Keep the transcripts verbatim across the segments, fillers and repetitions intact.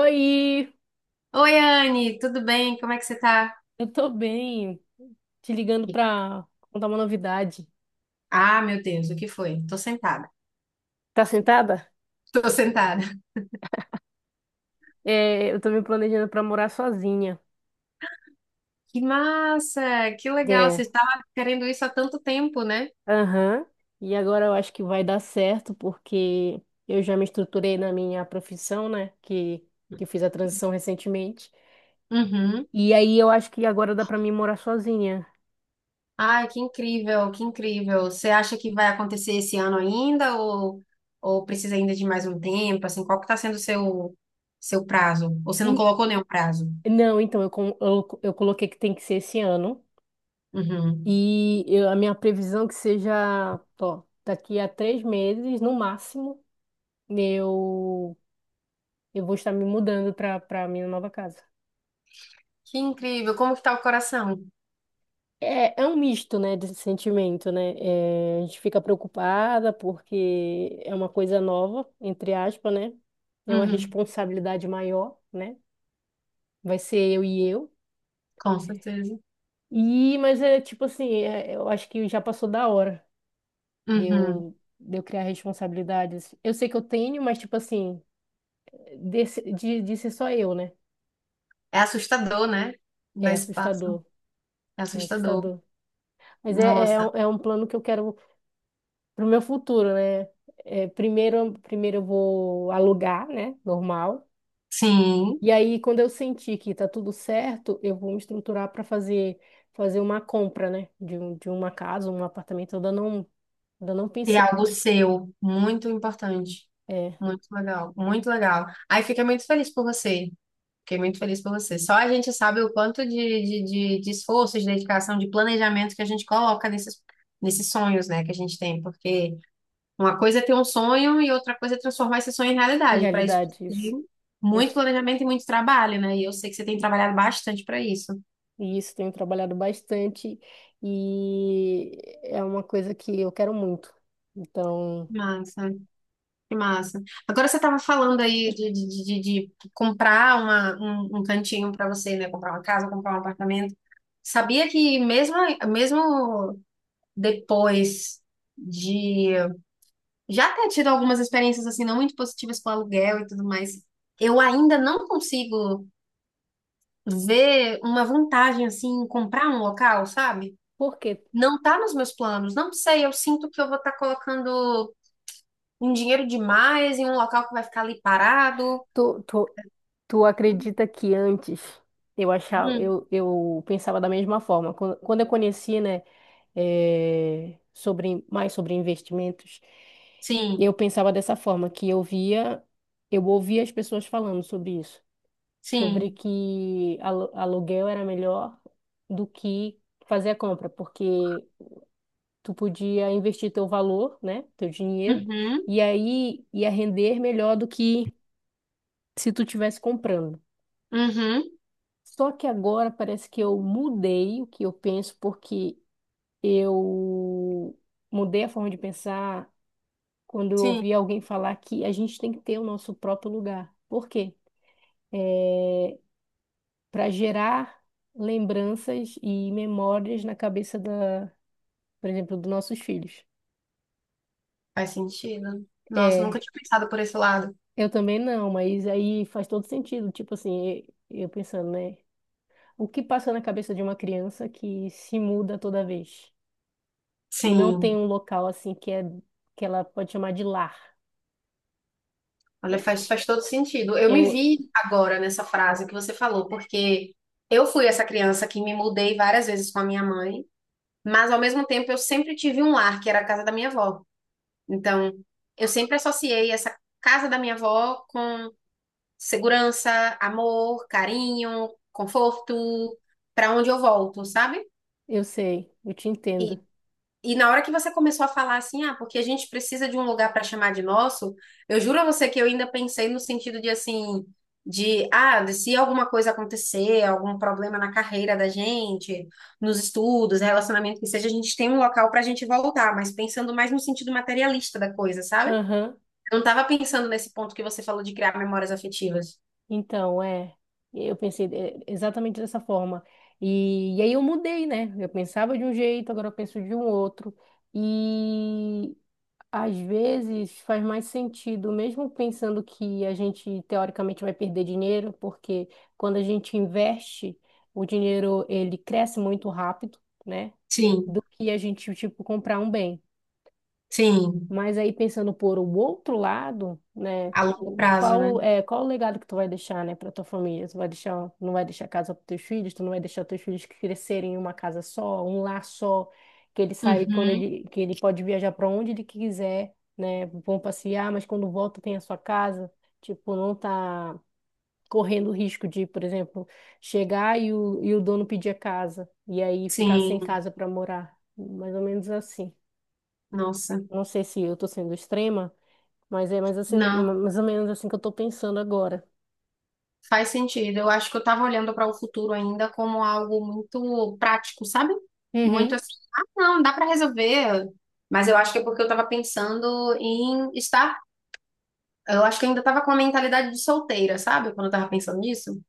Oi, Oi, Anne, tudo bem? Como é que você tá? eu tô bem. Te ligando pra contar uma novidade. Ah, meu Deus, o que foi? Tô sentada. Tá sentada? Tô sentada. É, Eu tô me planejando pra morar sozinha. Que massa! Que legal! É, Você estava querendo isso há tanto tempo, né? aham. E agora eu acho que vai dar certo, porque eu já me estruturei na minha profissão, né? Que, que eu fiz a transição recentemente. Uhum. E aí eu acho que agora dá pra mim morar sozinha. Ai, que incrível, que incrível. Você acha que vai acontecer esse ano ainda ou, ou precisa ainda de mais um tempo? Assim, qual que tá sendo o seu, seu prazo? Ou você não E- colocou nenhum prazo? não, então, eu, com- eu, eu coloquei que tem que ser esse ano. Uhum. E eu- a minha previsão é que seja, ó, daqui a três meses, no máximo. eu, eu vou estar me mudando para para minha nova casa. Que incrível! Como que tá o coração? É, é um misto, né, desse sentimento, né? É, a gente fica preocupada porque é uma coisa nova, entre aspas, né? É uma Uhum. responsabilidade maior, né? Vai ser eu e eu. Com certeza. E, mas é tipo assim, é- eu acho que já passou da hora de Uhum. eu, de eu criar responsabilidades. Eu sei que eu tenho, mas tipo assim, desse- de, de ser só eu, né? É assustador, né? Da É espaço. assustador, É é assustador. assustador. Mas é, é, um- Nossa, é um plano que eu quero pro meu futuro, né? É, primeiro, primeiro eu vou alugar, né? Normal. sim. E aí, quando eu sentir que tá tudo certo, eu vou me estruturar para fazer fazer uma compra, né? De, um, de uma casa, um apartamento. Eu ainda não, ainda não E é pensei, algo seu, muito importante. é, Muito legal, muito legal. Aí fiquei muito feliz por você. Fiquei muito feliz por você. Só a gente sabe o quanto de, de, de, de esforço, de dedicação, de planejamento que a gente coloca nesses, nesses sonhos, né, que a gente tem. Porque uma coisa é ter um sonho e outra coisa é transformar esse sonho em em realidade. Para isso, precisa realidade isso. de muito Isso. planejamento e muito trabalho, né? E eu sei que você tem trabalhado bastante para isso. E isso tenho trabalhado bastante e é uma coisa que eu quero muito. Então, Massa. Que massa. Agora você estava falando aí de, de, de, de- de comprar uma, um, um cantinho para você, né? Comprar uma casa, comprar um apartamento. Sabia que mesmo, mesmo depois de já ter tido algumas experiências assim não muito positivas com aluguel e tudo mais, eu ainda não consigo ver uma vantagem assim em comprar um local, sabe? porque quê? Não tá nos meus planos. Não sei, eu sinto que eu vou estar colocando um dinheiro demais em um local que vai ficar ali parado. Tu, tu, Tu acredita que antes eu achava, Uhum. eu, eu pensava da mesma forma. Quando, quando eu conheci, né, eh, sobre, mais sobre investimentos, eu Sim, pensava dessa forma, que eu via, eu ouvia as pessoas falando sobre isso, sobre sim. que alu- aluguel era melhor do que fazer a compra, porque tu podia investir teu valor, né, teu dinheiro, Uhum. e aí ia render melhor do que se tu tivesse comprando. Uhum. Só que agora parece que eu mudei o que eu penso, porque eu mudei a forma de pensar quando eu Sim, ouvi alguém falar que a gente tem que ter o nosso próprio lugar. Por quê? É, para gerar lembranças e memórias na cabeça da, por exemplo, dos nossos filhos. faz sentido. Nossa, eu nunca É, tinha pensado por esse lado. eu também não, mas aí faz todo sentido. Tipo assim, eu eu pensando, né? O que passa na cabeça de uma criança que se muda toda vez? E não tem Sim, um local assim que é que ela pode chamar de lar. olha, faz, faz todo sentido. Eu me Eu vi agora nessa frase que você falou, porque eu fui essa criança que me mudei várias vezes com a minha mãe, mas ao mesmo tempo eu sempre tive um lar, que era a casa da minha avó. Então, eu sempre associei essa casa da minha avó com segurança, amor, carinho, conforto, para onde eu volto, sabe? eu sei, eu te entendo. E na hora que você começou a falar assim, ah, porque a gente precisa de um lugar para chamar de nosso, eu juro a você que eu ainda pensei no sentido de assim, de, ah, de se alguma coisa acontecer, algum problema na carreira da gente, nos estudos, relacionamento que seja, a gente tem um local para a gente voltar, mas pensando mais no sentido materialista da coisa, sabe? Eu Aham. não estava pensando nesse ponto que você falou de criar memórias afetivas. Então, é, eu pensei é, exatamente dessa forma. E, e aí eu mudei, né? Eu pensava de um jeito, agora eu penso de um outro. E às vezes faz mais sentido, mesmo pensando que a gente teoricamente vai perder dinheiro, porque quando a gente investe, o dinheiro ele cresce muito rápido, né? Sim, Do que a gente, tipo, comprar um bem. sim, Mas aí pensando por o outro lado, né, a longo prazo, né? qual é qual o legado que tu vai deixar, né, para tua família? Tu vai deixar, não vai deixar casa para teus filhos, tu não vai deixar teus filhos crescerem em uma casa só, um lar só, que ele saiba que quando Uhum, ele que ele pode viajar para onde ele quiser, né, vão passear, mas quando volta tem a sua casa, tipo, não tá correndo o risco de, por exemplo, chegar e o, e o dono pedir a casa e aí ficar sem sim, casa para morar, mais ou menos assim. nossa, Não sei se eu tô sendo extrema, mas é mais, assim, não. mais ou menos assim que eu tô pensando agora. Faz sentido. Eu acho que eu tava olhando para o futuro ainda como algo muito prático, sabe? Muito Uhum. assim, ah, não, dá para resolver. Mas eu acho que é porque eu tava pensando em estar. Eu acho que eu ainda tava com a mentalidade de solteira, sabe? Quando eu tava pensando nisso.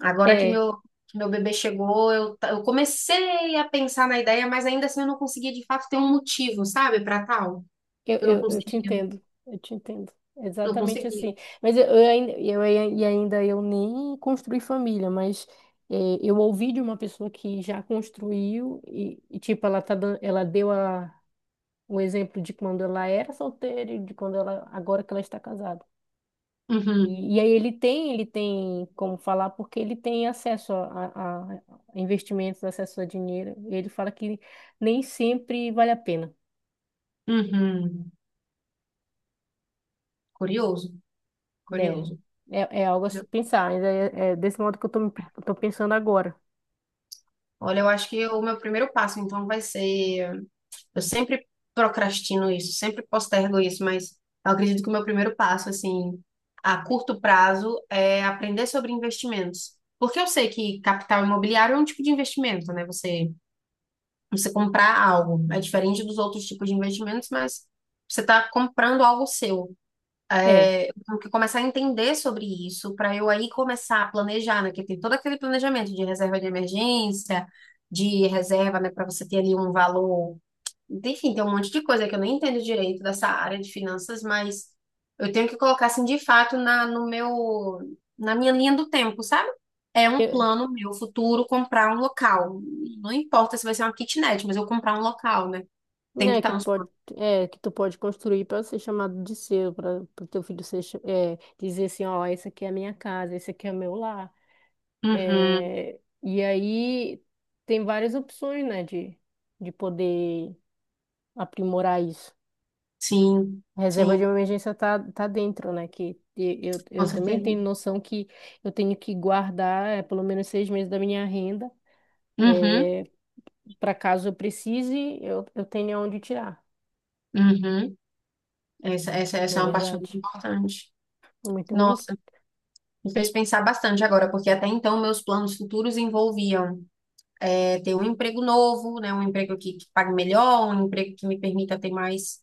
Agora que É, meu, que meu bebê chegou, eu, ta- eu comecei a pensar na ideia, mas ainda assim eu não conseguia de fato ter um motivo, sabe, para tal. eu, Eu não eu, eu te conseguia, entendo, eu te entendo. não Exatamente conseguia. assim. Mas eu, eu, ainda, eu ai- e ainda eu nem construí família, mas é, eu ouvi de uma pessoa que já construiu e, e, tipo, ela tá dando, ela deu a, o exemplo de quando ela era solteira e de quando ela, agora que ela está casada. Uhum, E, e aí ele tem, ele tem como falar porque ele tem acesso a, a- a investimentos, acesso a dinheiro. E ele fala que nem sempre vale a pena, uhum. Curioso, né? curioso. É, é algo a se pensar. Ainda é, é desse modo que eu tô, me- tô pensando agora. Olha, eu acho que o meu primeiro passo, então, vai ser. Eu sempre procrastino isso, sempre postergo isso, mas eu acredito que o meu primeiro passo, assim, a curto prazo, é aprender sobre investimentos. Porque eu sei que capital imobiliário é um tipo de investimento, né? Você, você comprar algo. É diferente dos outros tipos de investimentos, mas você está comprando algo seu É, tenho que começar a entender sobre isso, para eu aí começar a planejar, né? Porque tem todo aquele planejamento de reserva de emergência, de reserva, né, para você ter ali um valor. Enfim, tem um monte de coisa que eu nem entendo direito dessa área de finanças, mas eu tenho que colocar assim de fato na, no meu, na minha linha do tempo, sabe? É um eu, plano meu futuro comprar um local. Não importa se vai ser uma kitnet, mas eu comprar um local, né? Tem que né, que estar nos pode, planos. é, que tu pode construir para ser chamado de seu, para o teu filho ser, cha- é, dizer assim, ó, essa aqui é a minha casa, esse aqui é o meu lar. Uhum, É, e aí tem várias opções, né, de, de poder aprimorar isso. sim, A reserva de sim, emergência tá, tá dentro, né? Que e- eu, com eu também tenho certeza. noção que eu tenho que guardar eh, pelo menos seis meses da minha renda, Uhum, é, para caso eu precise, eu, eu tenha onde tirar, uhum. Essa, essa, não Essa é é uma parte muito verdade? importante. Muito bom. Nossa, me fez pensar bastante agora, porque até então meus planos futuros envolviam é, ter um emprego novo, né, um emprego que, que pague melhor, um emprego que me permita ter mais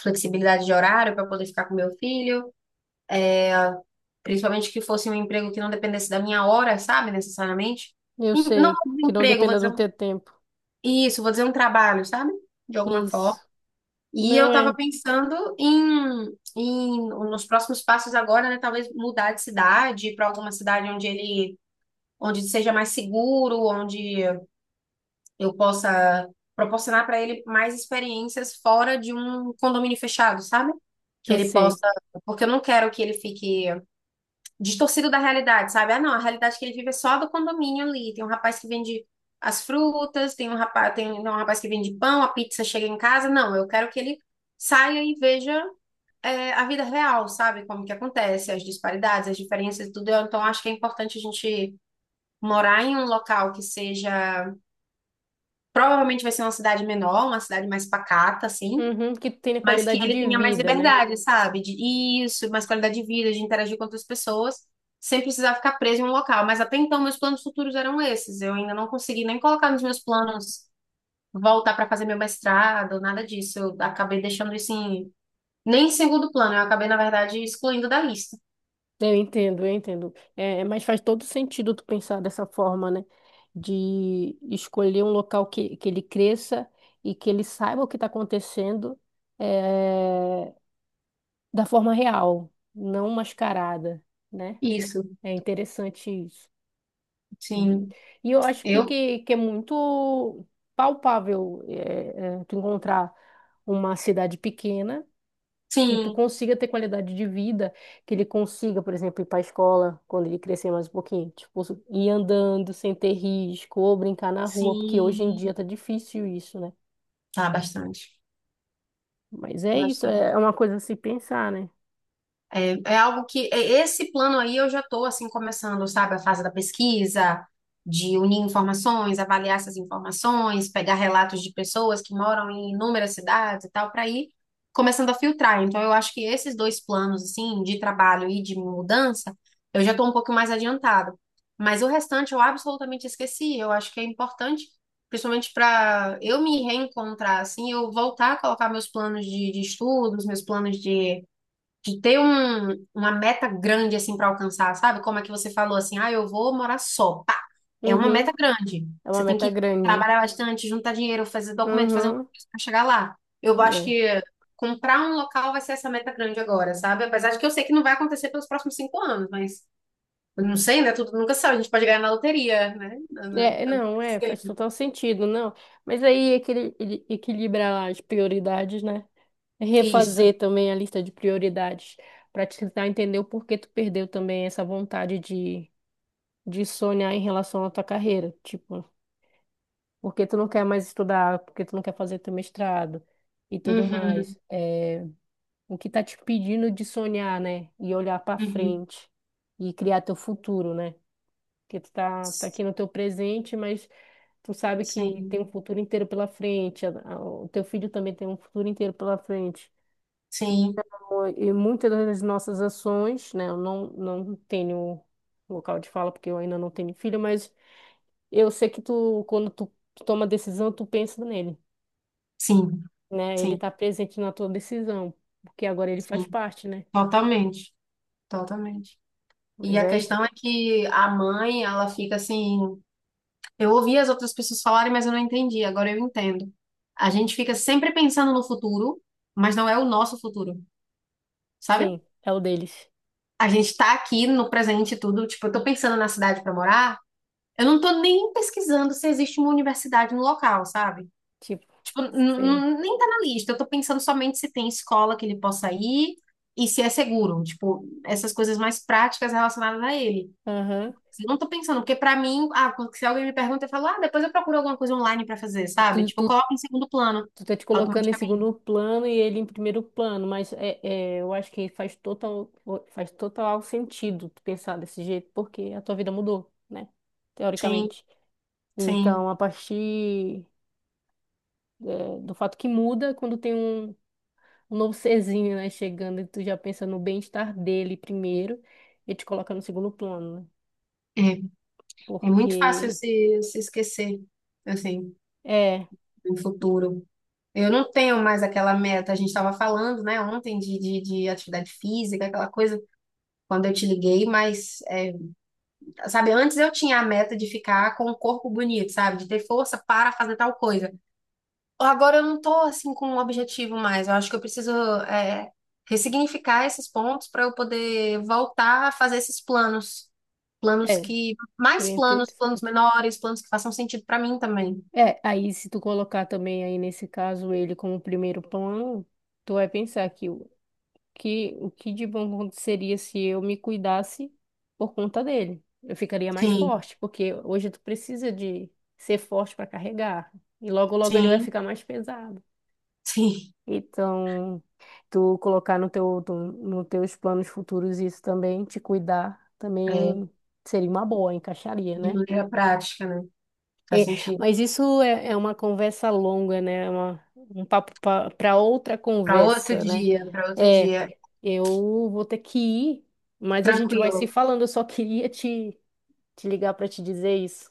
flexibilidade de horário para poder ficar com meu filho, principalmente que fosse um emprego que não dependesse da minha hora, sabe, necessariamente. Eu E não sei um que não emprego, vou dependa do dizer, um- teu tempo. isso, vou dizer um trabalho, sabe? De alguma forma. Isso. E eu Não estava é. pensando em, em nos próximos passos agora, né, talvez mudar de cidade para alguma cidade onde ele onde seja mais seguro, onde eu possa proporcionar para ele mais experiências fora de um condomínio fechado, sabe? Que Eu ele sei. possa, porque eu não quero que ele fique distorcido da realidade, sabe? Ah, não, a realidade que ele vive é só a do condomínio ali. Tem um rapaz que vende as frutas, tem um rapaz, tem um rapaz que vende pão, a pizza chega em casa. Não, eu quero que ele saia e veja é, a vida real, sabe? Como que acontece, as disparidades, as diferenças e tudo. Eu, então, acho que é importante a gente morar em um local que seja. Provavelmente vai ser uma cidade menor, uma cidade mais pacata, assim, Uhum, que tu tenha mas que qualidade ele de tenha mais vida, né? liberdade, sabe? De isso, mais qualidade de vida, de interagir com outras pessoas, sem precisar ficar preso em um local. Mas até então, meus planos futuros eram esses. Eu ainda não consegui nem colocar nos meus planos voltar para fazer meu mestrado, nada disso. Eu acabei deixando isso em. Nem em segundo plano, eu acabei, na verdade, excluindo da lista. Eu entendo, eu entendo. É, mas faz todo sentido tu pensar dessa forma, né? De escolher um local que, que ele cresça e que ele saiba o que está acontecendo é, da forma real, não mascarada, né? Isso, É interessante isso. Uhum. sim. E eu acho que, Eu? que, que é muito palpável é, é, tu encontrar uma cidade pequena que tu Sim, consiga ter qualidade de vida, que ele consiga, por exemplo, ir para a escola quando ele crescer mais um pouquinho, tipo, ir andando sem ter risco, ou brincar na rua, porque hoje em dia sim. tá difícil isso, né? Tá, bastante. Mas é isso, Bastante. é é uma coisa a se pensar, né? É, é algo que é- esse plano aí eu já estou assim começando, sabe, a fase da pesquisa, de unir informações, avaliar essas informações, pegar relatos de pessoas que moram em inúmeras cidades e tal, para ir começando a filtrar. Então eu acho que esses dois planos assim de trabalho e de mudança, eu já estou um pouco mais adiantada. Mas o restante eu absolutamente esqueci. Eu acho que é importante, principalmente para eu me reencontrar assim, eu voltar a colocar meus planos de, de estudos, meus planos de de ter um, uma meta grande assim para alcançar, sabe? Como é que você falou assim, ah, eu vou morar só. Pá, é uma meta Uhum, grande. é uma Você tem meta que grande. trabalhar bastante, juntar dinheiro, fazer documento, fazer um Uhum, coisa para chegar lá. Eu acho é. que comprar um local vai ser essa meta grande agora, sabe? Apesar de que eu sei que não vai acontecer pelos próximos cinco anos, mas eu não sei, né? Tudo nunca sabe. A gente pode ganhar na loteria, né? Na- na- É, é, na- não, é, faz total sentido, não. Mas aí equili- ele- equilibrar as prioridades, né? Isso. Refazer também a lista de prioridades para te tentar entender o porquê tu perdeu também essa vontade de de sonhar em relação à tua carreira, tipo, porque tu não quer mais estudar, porque tu não quer fazer teu mestrado e tudo Uhum, mais. É, o que tá te pedindo de sonhar, né? E olhar pra uhum. frente e criar teu futuro, né? Porque tu tá, tá aqui no teu presente, mas tu sabe que tem Sim, um futuro inteiro pela frente, a- a- o teu filho também tem um futuro inteiro pela frente. sim, Então, e muitas das nossas ações, né? Eu não, não tenho local de fala porque eu ainda não tenho filho, mas eu sei que tu, quando tu toma decisão, tu pensa nele, sim, né? Ele sim, tá presente na tua decisão, porque agora ele faz sim. parte, né? Totalmente, totalmente. E Mas a aí, questão é que a mãe, ela fica assim. Eu ouvi as outras pessoas falarem, mas eu não entendi. Agora eu entendo. A gente fica sempre pensando no futuro, mas não é o nosso futuro, sabe? sim, é o deles. A gente tá aqui no presente e tudo. Tipo, eu tô pensando na cidade pra morar. Eu não tô nem pesquisando se existe uma universidade no local, sabe? Tipo, Tipo, n- sim. n- nem tá na lista. Eu tô pensando somente se tem escola que ele possa ir e se é seguro. Tipo, essas coisas mais práticas relacionadas a ele. Aham. Eu não tô pensando, porque pra mim, ah, quando- se alguém me pergunta, eu falo, ah, depois eu procuro alguma coisa online pra fazer, sabe? Tu, Tipo, eu tu, coloco em segundo plano, tu tá te colocando em automaticamente. segundo plano e ele em primeiro plano, mas é, é, eu acho que faz total, faz total sentido tu pensar desse jeito, porque a tua vida mudou, né? Sim, Teoricamente. sim. Então, a partir, eh, do fato que muda quando tem um um novo serzinho, né, chegando e tu já pensa no bem-estar dele primeiro e te coloca no segundo plano, né? É, é muito fácil Porque se, se esquecer, assim, é, no futuro. Eu não tenho mais aquela meta, a gente estava falando, né, ontem de, de, de atividade física, aquela coisa, quando eu te liguei, mas, é, sabe, antes eu tinha a meta de ficar com o corpo bonito, sabe, de ter força para fazer tal coisa. Agora eu não tô assim com um objetivo mais. Eu acho que eu preciso é, ressignificar esses pontos para eu poder voltar a fazer esses planos. Planos é, que. Mais seria planos, planos interessante. menores, planos que façam sentido para mim também. É, aí se tu colocar também aí nesse caso ele como primeiro plano, tu vai pensar que o que o que de bom aconteceria se eu me cuidasse por conta dele. Eu ficaria mais Sim, forte, porque hoje tu precisa de ser forte para carregar. E logo logo ele vai sim, ficar mais pesado. sim, Então, tu colocar no teu, tu- no teus planos futuros isso também, te cuidar é, também seria uma boa, encaixaria, de né? maneira prática, né? Faz É, sentido. mas isso é, é uma conversa longa, né? É uma- um papo para outra Para outro conversa, né? dia, para outro É, dia. eu vou ter que ir, mas a gente vai se Tranquilo. falando. Eu só queria te, te ligar para te dizer isso.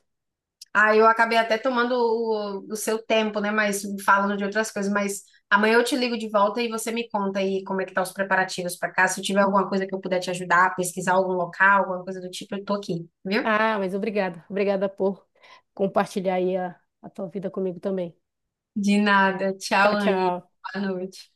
Ah, eu acabei até tomando o, o seu tempo, né? Mas falando de outras coisas. Mas amanhã eu te ligo de volta e você me conta aí como é que tá os preparativos para cá. Se eu tiver alguma coisa que eu puder te ajudar, pesquisar algum local, alguma coisa do tipo, eu tô aqui, viu? Ah, mas obrigada. Obrigada por compartilhar aí a, a tua vida comigo também. De nada. Tchau, Tchau, Anne. tchau. Boa noite.